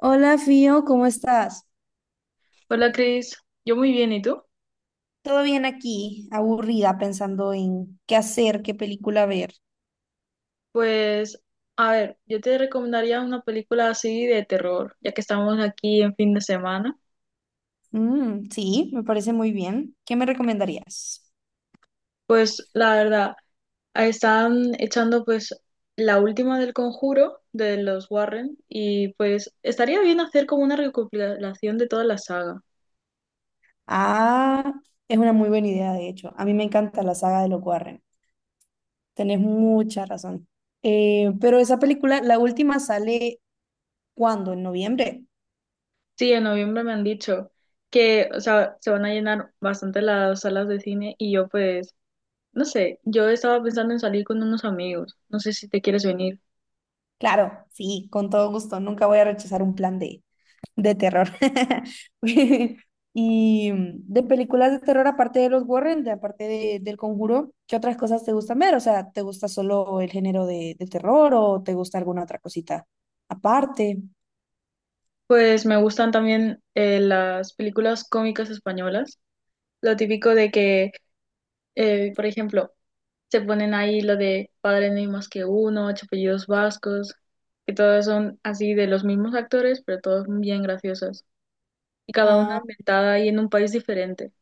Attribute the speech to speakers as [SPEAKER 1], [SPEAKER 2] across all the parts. [SPEAKER 1] Hola, Fío, ¿cómo estás?
[SPEAKER 2] Hola Cris, yo muy bien, ¿y tú?
[SPEAKER 1] Todo bien aquí, aburrida, pensando en qué hacer, qué película ver.
[SPEAKER 2] Pues, a ver, yo te recomendaría una película así de terror, ya que estamos aquí en fin de semana.
[SPEAKER 1] Mm, sí, me parece muy bien. ¿Qué me recomendarías?
[SPEAKER 2] Pues, la verdad, ahí están echando pues la última del Conjuro de los Warren y pues estaría bien hacer como una recopilación de toda la saga.
[SPEAKER 1] Ah, es una muy buena idea, de hecho. A mí me encanta la saga de los Warren. Tenés mucha razón. Pero esa película, la última, sale ¿cuándo? ¿En noviembre?
[SPEAKER 2] Sí, en noviembre me han dicho que, o sea, se van a llenar bastante las salas de cine y yo pues, no sé, yo estaba pensando en salir con unos amigos, no sé si te quieres venir.
[SPEAKER 1] Claro, sí, con todo gusto. Nunca voy a rechazar un plan D. De terror. Y de películas de terror, aparte de los Warren, aparte del Conjuro, ¿qué otras cosas te gustan ver? O sea, ¿te gusta solo el género de terror o te gusta alguna otra cosita aparte?
[SPEAKER 2] Pues me gustan también las películas cómicas españolas. Lo típico de que, por ejemplo, se ponen ahí lo de Padre no hay más que uno, Ocho apellidos vascos, que todas son así de los mismos actores, pero todas bien graciosas. Y cada una
[SPEAKER 1] Ah,
[SPEAKER 2] ambientada ahí en un país diferente.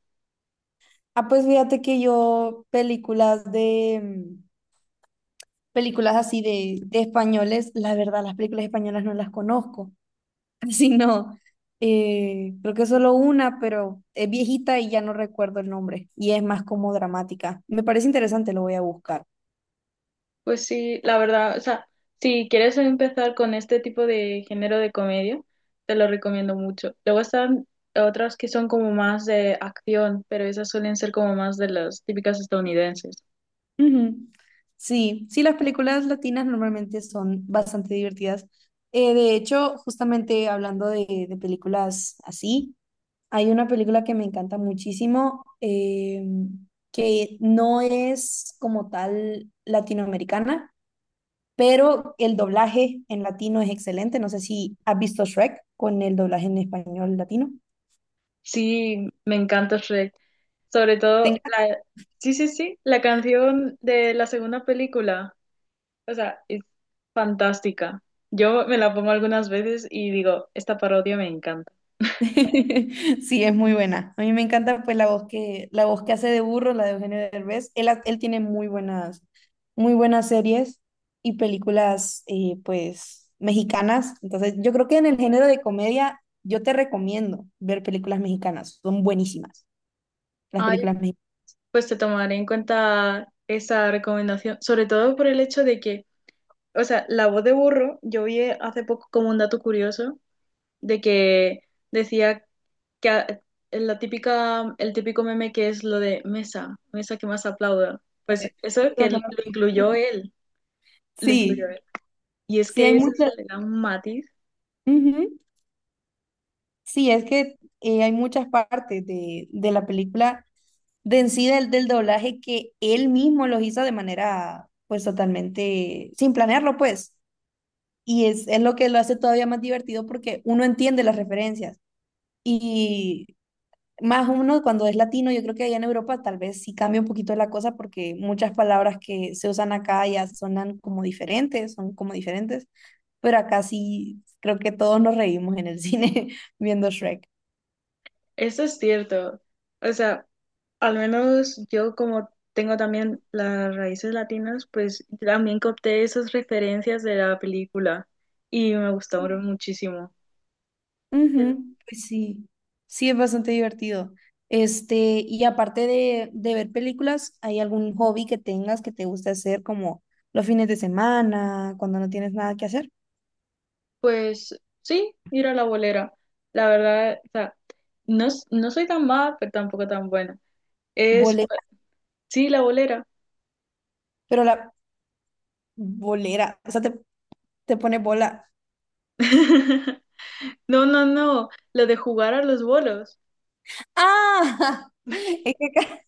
[SPEAKER 1] ah, pues fíjate que yo películas de películas así de españoles, la verdad, las películas españolas no las conozco. Así no. Creo que solo una, pero es viejita y ya no recuerdo el nombre. Y es más como dramática. Me parece interesante, lo voy a buscar.
[SPEAKER 2] Pues sí, la verdad, o sea, si quieres empezar con este tipo de género de comedia, te lo recomiendo mucho. Luego están otras que son como más de acción, pero esas suelen ser como más de las típicas estadounidenses.
[SPEAKER 1] Ujú. Sí, sí, las películas latinas normalmente son bastante divertidas. De hecho, justamente hablando de películas así, hay una película que me encanta muchísimo, que no es como tal latinoamericana pero el doblaje en latino es excelente. No sé si has visto Shrek con el doblaje en español latino.
[SPEAKER 2] Sí, me encanta Shrek. Sobre todo
[SPEAKER 1] Tenga-
[SPEAKER 2] la, sí, sí, sí, la canción de la segunda película, o sea, es fantástica. Yo me la pongo algunas veces y digo, esta parodia me encanta.
[SPEAKER 1] Sí, es muy buena. A mí me encanta pues la voz que hace de burro, la de Eugenio Derbez. Él, él tiene muy buenas series y películas pues mexicanas. Entonces, yo creo que en el género de comedia yo te recomiendo ver películas mexicanas. Son buenísimas las
[SPEAKER 2] ¡Ay!
[SPEAKER 1] películas mexicanas.
[SPEAKER 2] Pues te tomaré en cuenta esa recomendación, sobre todo por el hecho de que, o sea, la voz de burro, yo vi hace poco como un dato curioso de que decía que la típica, el típico meme que es lo de mesa, mesa que más aplauda, pues eso que lo incluyó él, lo incluyó
[SPEAKER 1] Sí,
[SPEAKER 2] él. Y es
[SPEAKER 1] sí hay
[SPEAKER 2] que
[SPEAKER 1] muchas.
[SPEAKER 2] le da un matiz,
[SPEAKER 1] Ujú. Sí, es que hay muchas partes de la película de en sí del doblaje que él mismo los hizo de manera pues totalmente sin planearlo pues. Y es lo que lo hace todavía más divertido porque uno entiende las referencias. Y más uno cuando es latino, yo creo que allá en Europa tal vez sí cambia un poquito la cosa porque muchas palabras que se usan acá ya sonan como diferentes, son como diferentes. Pero acá sí creo que todos nos reímos en el cine viendo Shrek.
[SPEAKER 2] eso es cierto, o sea... Al menos yo como tengo también las raíces latinas, pues también capté esas referencias de la película y me gustaron muchísimo.
[SPEAKER 1] Ujú, pues sí, sí es bastante divertido. Este, y aparte de ver películas, ¿hay algún hobby que tengas que te guste hacer como los fines de semana, cuando no tienes nada que hacer?
[SPEAKER 2] Pues sí, ir a la bolera. La verdad, o sea, no, no soy tan mala, pero tampoco tan buena. Es,
[SPEAKER 1] Bolera,
[SPEAKER 2] sí, la bolera.
[SPEAKER 1] pero la bolera, o sea, te pone bola.
[SPEAKER 2] No, no, no, lo de jugar a los bolos.
[SPEAKER 1] ¡Ah! Es que acá,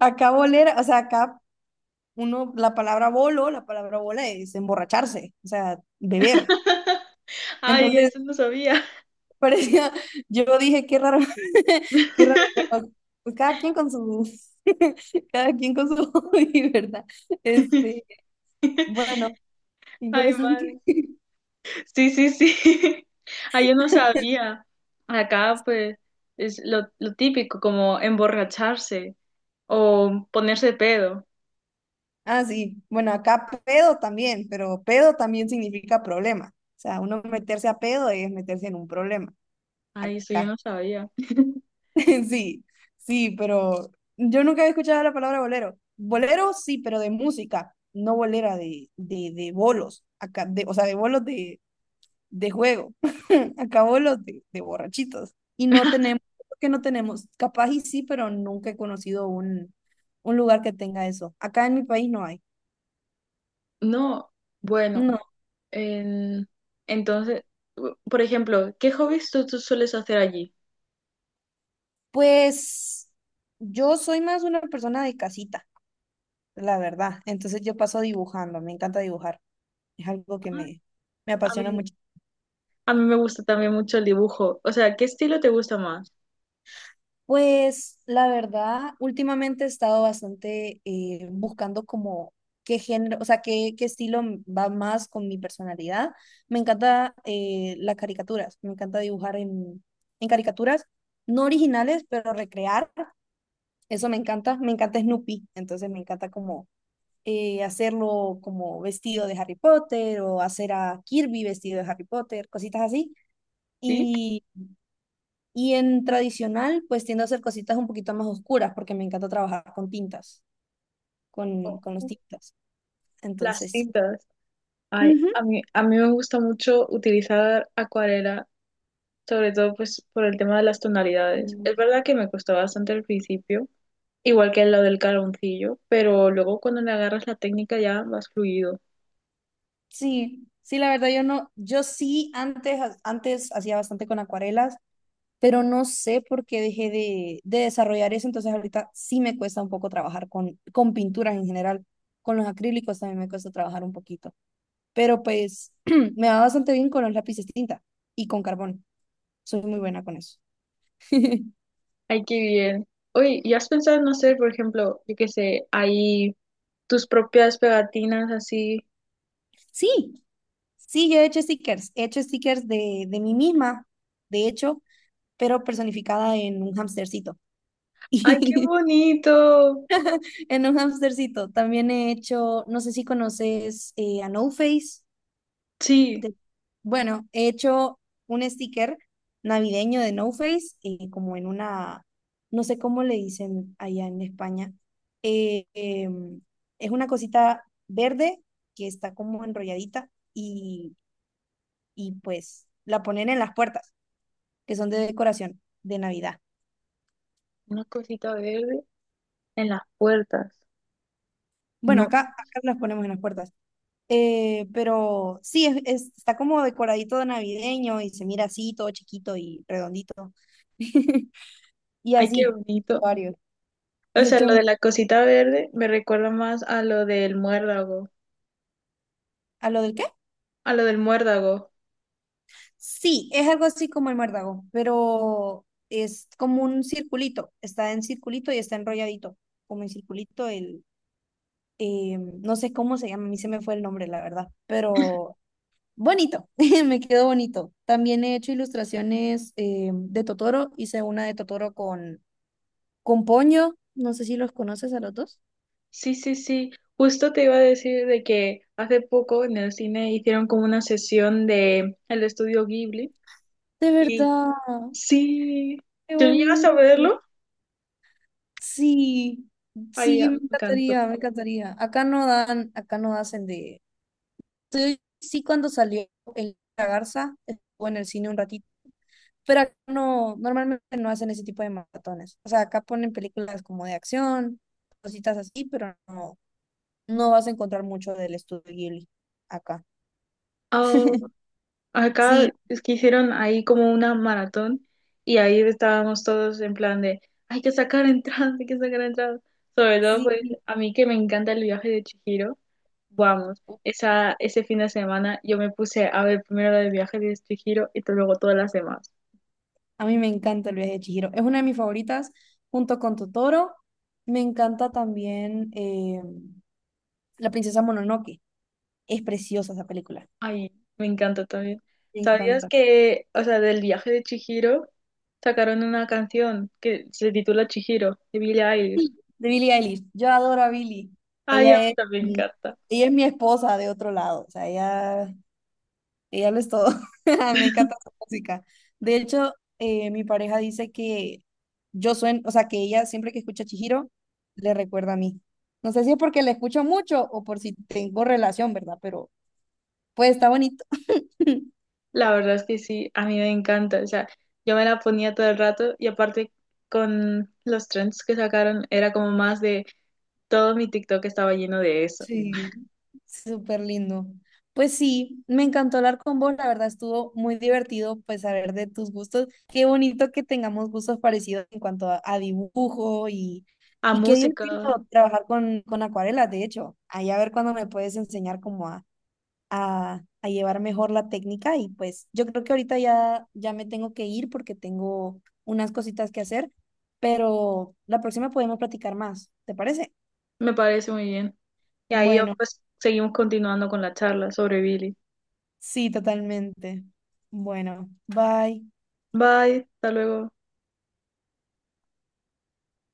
[SPEAKER 1] acá bolera, o sea, acá uno, la palabra bolo, la palabra bola es emborracharse, o sea, beber.
[SPEAKER 2] Ay,
[SPEAKER 1] Entonces,
[SPEAKER 2] eso no sabía.
[SPEAKER 1] parecía, yo dije, qué raro, qué raro, pero pues cada quien con su, cada quien con su hobby, ¿verdad? Este, bueno,
[SPEAKER 2] Ay,
[SPEAKER 1] interesante.
[SPEAKER 2] madre. Sí, sí, sí. Ah, yo no sabía. Acá, pues, es lo típico, como emborracharse o ponerse pedo.
[SPEAKER 1] Ah, sí, bueno, acá pedo también, pero pedo también significa problema. O sea, uno meterse a pedo es meterse en un problema.
[SPEAKER 2] Ay, eso yo
[SPEAKER 1] Acá,
[SPEAKER 2] no sabía.
[SPEAKER 1] sí, sí, pero yo nunca había escuchado la palabra bolero. Bolero sí, pero de música, no bolera de bolos. Acá, de, o sea, de bolos de juego. Acabo los de borrachitos. Y no tenemos, creo que no tenemos, capaz y sí, pero nunca he conocido un lugar que tenga eso. Acá en mi país no hay.
[SPEAKER 2] No, bueno,
[SPEAKER 1] No,
[SPEAKER 2] en- entonces, por ejemplo, ¿qué hobbies tú sueles hacer allí?
[SPEAKER 1] pues yo soy más una persona de casita, la verdad. Entonces yo paso dibujando, me encanta dibujar. Es algo
[SPEAKER 2] Ah,
[SPEAKER 1] me
[SPEAKER 2] a
[SPEAKER 1] apasiona
[SPEAKER 2] mí,
[SPEAKER 1] mucho.
[SPEAKER 2] a mí me gusta también mucho el dibujo. O sea, ¿qué estilo te gusta más?
[SPEAKER 1] Pues la verdad, últimamente he estado bastante buscando como qué género, o sea, qué estilo va más con mi personalidad. Me encanta las caricaturas, me encanta dibujar en caricaturas, no originales, pero recrear, eso me encanta Snoopy, entonces me encanta como hacerlo como vestido de Harry Potter o hacer a Kirby vestido de Harry Potter, cositas así.
[SPEAKER 2] ¿Sí?
[SPEAKER 1] Y en tradicional, pues tiendo a hacer cositas un poquito más oscuras porque me encanta trabajar con tintas, con los tintas.
[SPEAKER 2] Las
[SPEAKER 1] Entonces, sí.
[SPEAKER 2] cintas. Ay,
[SPEAKER 1] Ujú.
[SPEAKER 2] a mí me gusta mucho utilizar acuarela sobre todo pues por el tema de las tonalidades.
[SPEAKER 1] Mm,
[SPEAKER 2] Es verdad que me costó bastante al principio, igual que lo del caloncillo, pero luego cuando le agarras la técnica ya vas fluido.
[SPEAKER 1] sí, sí, la verdad yo no, yo sí antes, antes hacía bastante con acuarelas, pero no sé por qué dejé de desarrollar eso, entonces ahorita sí me cuesta un poco trabajar con pinturas en general, con los acrílicos también me cuesta trabajar un poquito, pero pues me va bastante bien con los lápices tinta y con carbón, soy muy buena con eso.
[SPEAKER 2] Ay, qué bien. Oye, ¿y has pensado en hacer, por ejemplo, yo qué sé, ahí tus propias pegatinas así?
[SPEAKER 1] Sí, sí, yo he hecho stickers de mí misma, de hecho, pero personificada en un hamstercito.
[SPEAKER 2] ¡Ay, qué
[SPEAKER 1] Y
[SPEAKER 2] bonito!
[SPEAKER 1] en un hamstercito también he hecho, no sé si conoces a No Face.
[SPEAKER 2] Sí,
[SPEAKER 1] de- bueno, he hecho un sticker navideño de No Face, como en una, no sé cómo le dicen allá en España. Eh, em, es una cosita verde que está como enrolladita y pues la ponen en las puertas, que son de decoración de Navidad.
[SPEAKER 2] una cosita verde en las puertas.
[SPEAKER 1] Bueno,
[SPEAKER 2] No,
[SPEAKER 1] acá, acá las ponemos en las puertas. Pero sí, está como decoradito de navideño y se mira así, todo chiquito y redondito. Y
[SPEAKER 2] ay, qué
[SPEAKER 1] así,
[SPEAKER 2] bonito.
[SPEAKER 1] varios.
[SPEAKER 2] O
[SPEAKER 1] De
[SPEAKER 2] sea,
[SPEAKER 1] hecho,
[SPEAKER 2] lo de la cosita verde me recuerda más a lo del muérdago,
[SPEAKER 1] ¿a lo del qué?
[SPEAKER 2] a lo del muérdago.
[SPEAKER 1] Sí, es algo así como el muérdago, pero es como un circulito. Está en circulito y está enrolladito, como en circulito el... no sé cómo se llama, a mí se me fue el nombre, la verdad, pero bonito, me quedó bonito. También he hecho ilustraciones de Totoro. Hice una de Totoro con Ponyo. No sé si los conoces a los dos.
[SPEAKER 2] Sí, sí, sí. Justo te iba a decir de que hace poco en el cine hicieron como una sesión de el estudio Ghibli
[SPEAKER 1] De
[SPEAKER 2] y
[SPEAKER 1] verdad,
[SPEAKER 2] sí,
[SPEAKER 1] qué
[SPEAKER 2] ¿tú llegas a
[SPEAKER 1] bonito.
[SPEAKER 2] verlo?
[SPEAKER 1] Sí,
[SPEAKER 2] Ay,
[SPEAKER 1] sí,
[SPEAKER 2] ya,
[SPEAKER 1] me
[SPEAKER 2] me encantó.
[SPEAKER 1] encantaría, me encantaría. Acá no dan, acá no hacen de... Sí, sí, cuando salió el La Garza, estuvo en el cine un ratito, pero acá no, normalmente no hacen ese tipo de maratones. O sea, acá ponen películas como de acción, cositas así, pero no, no vas a encontrar mucho del estudio Ghibli acá.
[SPEAKER 2] Oh, acá
[SPEAKER 1] Sí,
[SPEAKER 2] es que hicieron ahí como una maratón y ahí estábamos todos en plan de hay que sacar entradas, hay que sacar entradas. Sobre todo pues
[SPEAKER 1] sí.
[SPEAKER 2] a mí que me encanta el viaje de Chihiro. Vamos, esa, ese fin de semana yo me puse a ver primero el viaje de Chihiro y luego todas las demás.
[SPEAKER 1] A mí me encanta el viaje de Chihiro. Es una de mis favoritas, junto con Totoro. Me encanta también La princesa Mononoke. Es preciosa esa película.
[SPEAKER 2] Ay, me encanta también.
[SPEAKER 1] Me
[SPEAKER 2] ¿Sabías
[SPEAKER 1] encanta.
[SPEAKER 2] que, o sea, del viaje de Chihiro sacaron una canción que se titula Chihiro, de Billie Eilish?
[SPEAKER 1] Sí, de Billie Eilish. Yo adoro a Billie.
[SPEAKER 2] Ay, a
[SPEAKER 1] Ella
[SPEAKER 2] mí
[SPEAKER 1] es,
[SPEAKER 2] también me encanta.
[SPEAKER 1] ella es mi esposa de otro lado. O sea, ella y ya lo es todo. Me encanta su música. De hecho, mi pareja dice que yo sueno, o sea, que ella siempre que escucha a Chihiro, le recuerda a mí. No sé si es porque la escucho mucho o por si tengo relación, ¿verdad? Pero pues está bonito.
[SPEAKER 2] La verdad es que sí, a mí me encanta. O sea, yo me la ponía todo el rato y aparte con los trends que sacaron era como más de todo mi TikTok estaba lleno de eso.
[SPEAKER 1] Sí, súper lindo. Pues sí, me encantó hablar con vos, la verdad estuvo muy divertido pues saber de tus gustos. Qué bonito que tengamos gustos parecidos en cuanto a dibujo
[SPEAKER 2] A
[SPEAKER 1] y qué
[SPEAKER 2] música,
[SPEAKER 1] divertido trabajar con acuarelas, de hecho. Ahí a ver cuándo me puedes enseñar cómo a llevar mejor la técnica y pues yo creo que ahorita ya me tengo que ir porque tengo unas cositas que hacer, pero la próxima podemos platicar más, ¿te parece?
[SPEAKER 2] me parece muy bien. Y ahí yo,
[SPEAKER 1] Bueno.
[SPEAKER 2] pues seguimos continuando con la charla sobre Billy.
[SPEAKER 1] Sí, totalmente. Bueno, bye.
[SPEAKER 2] Bye, hasta luego.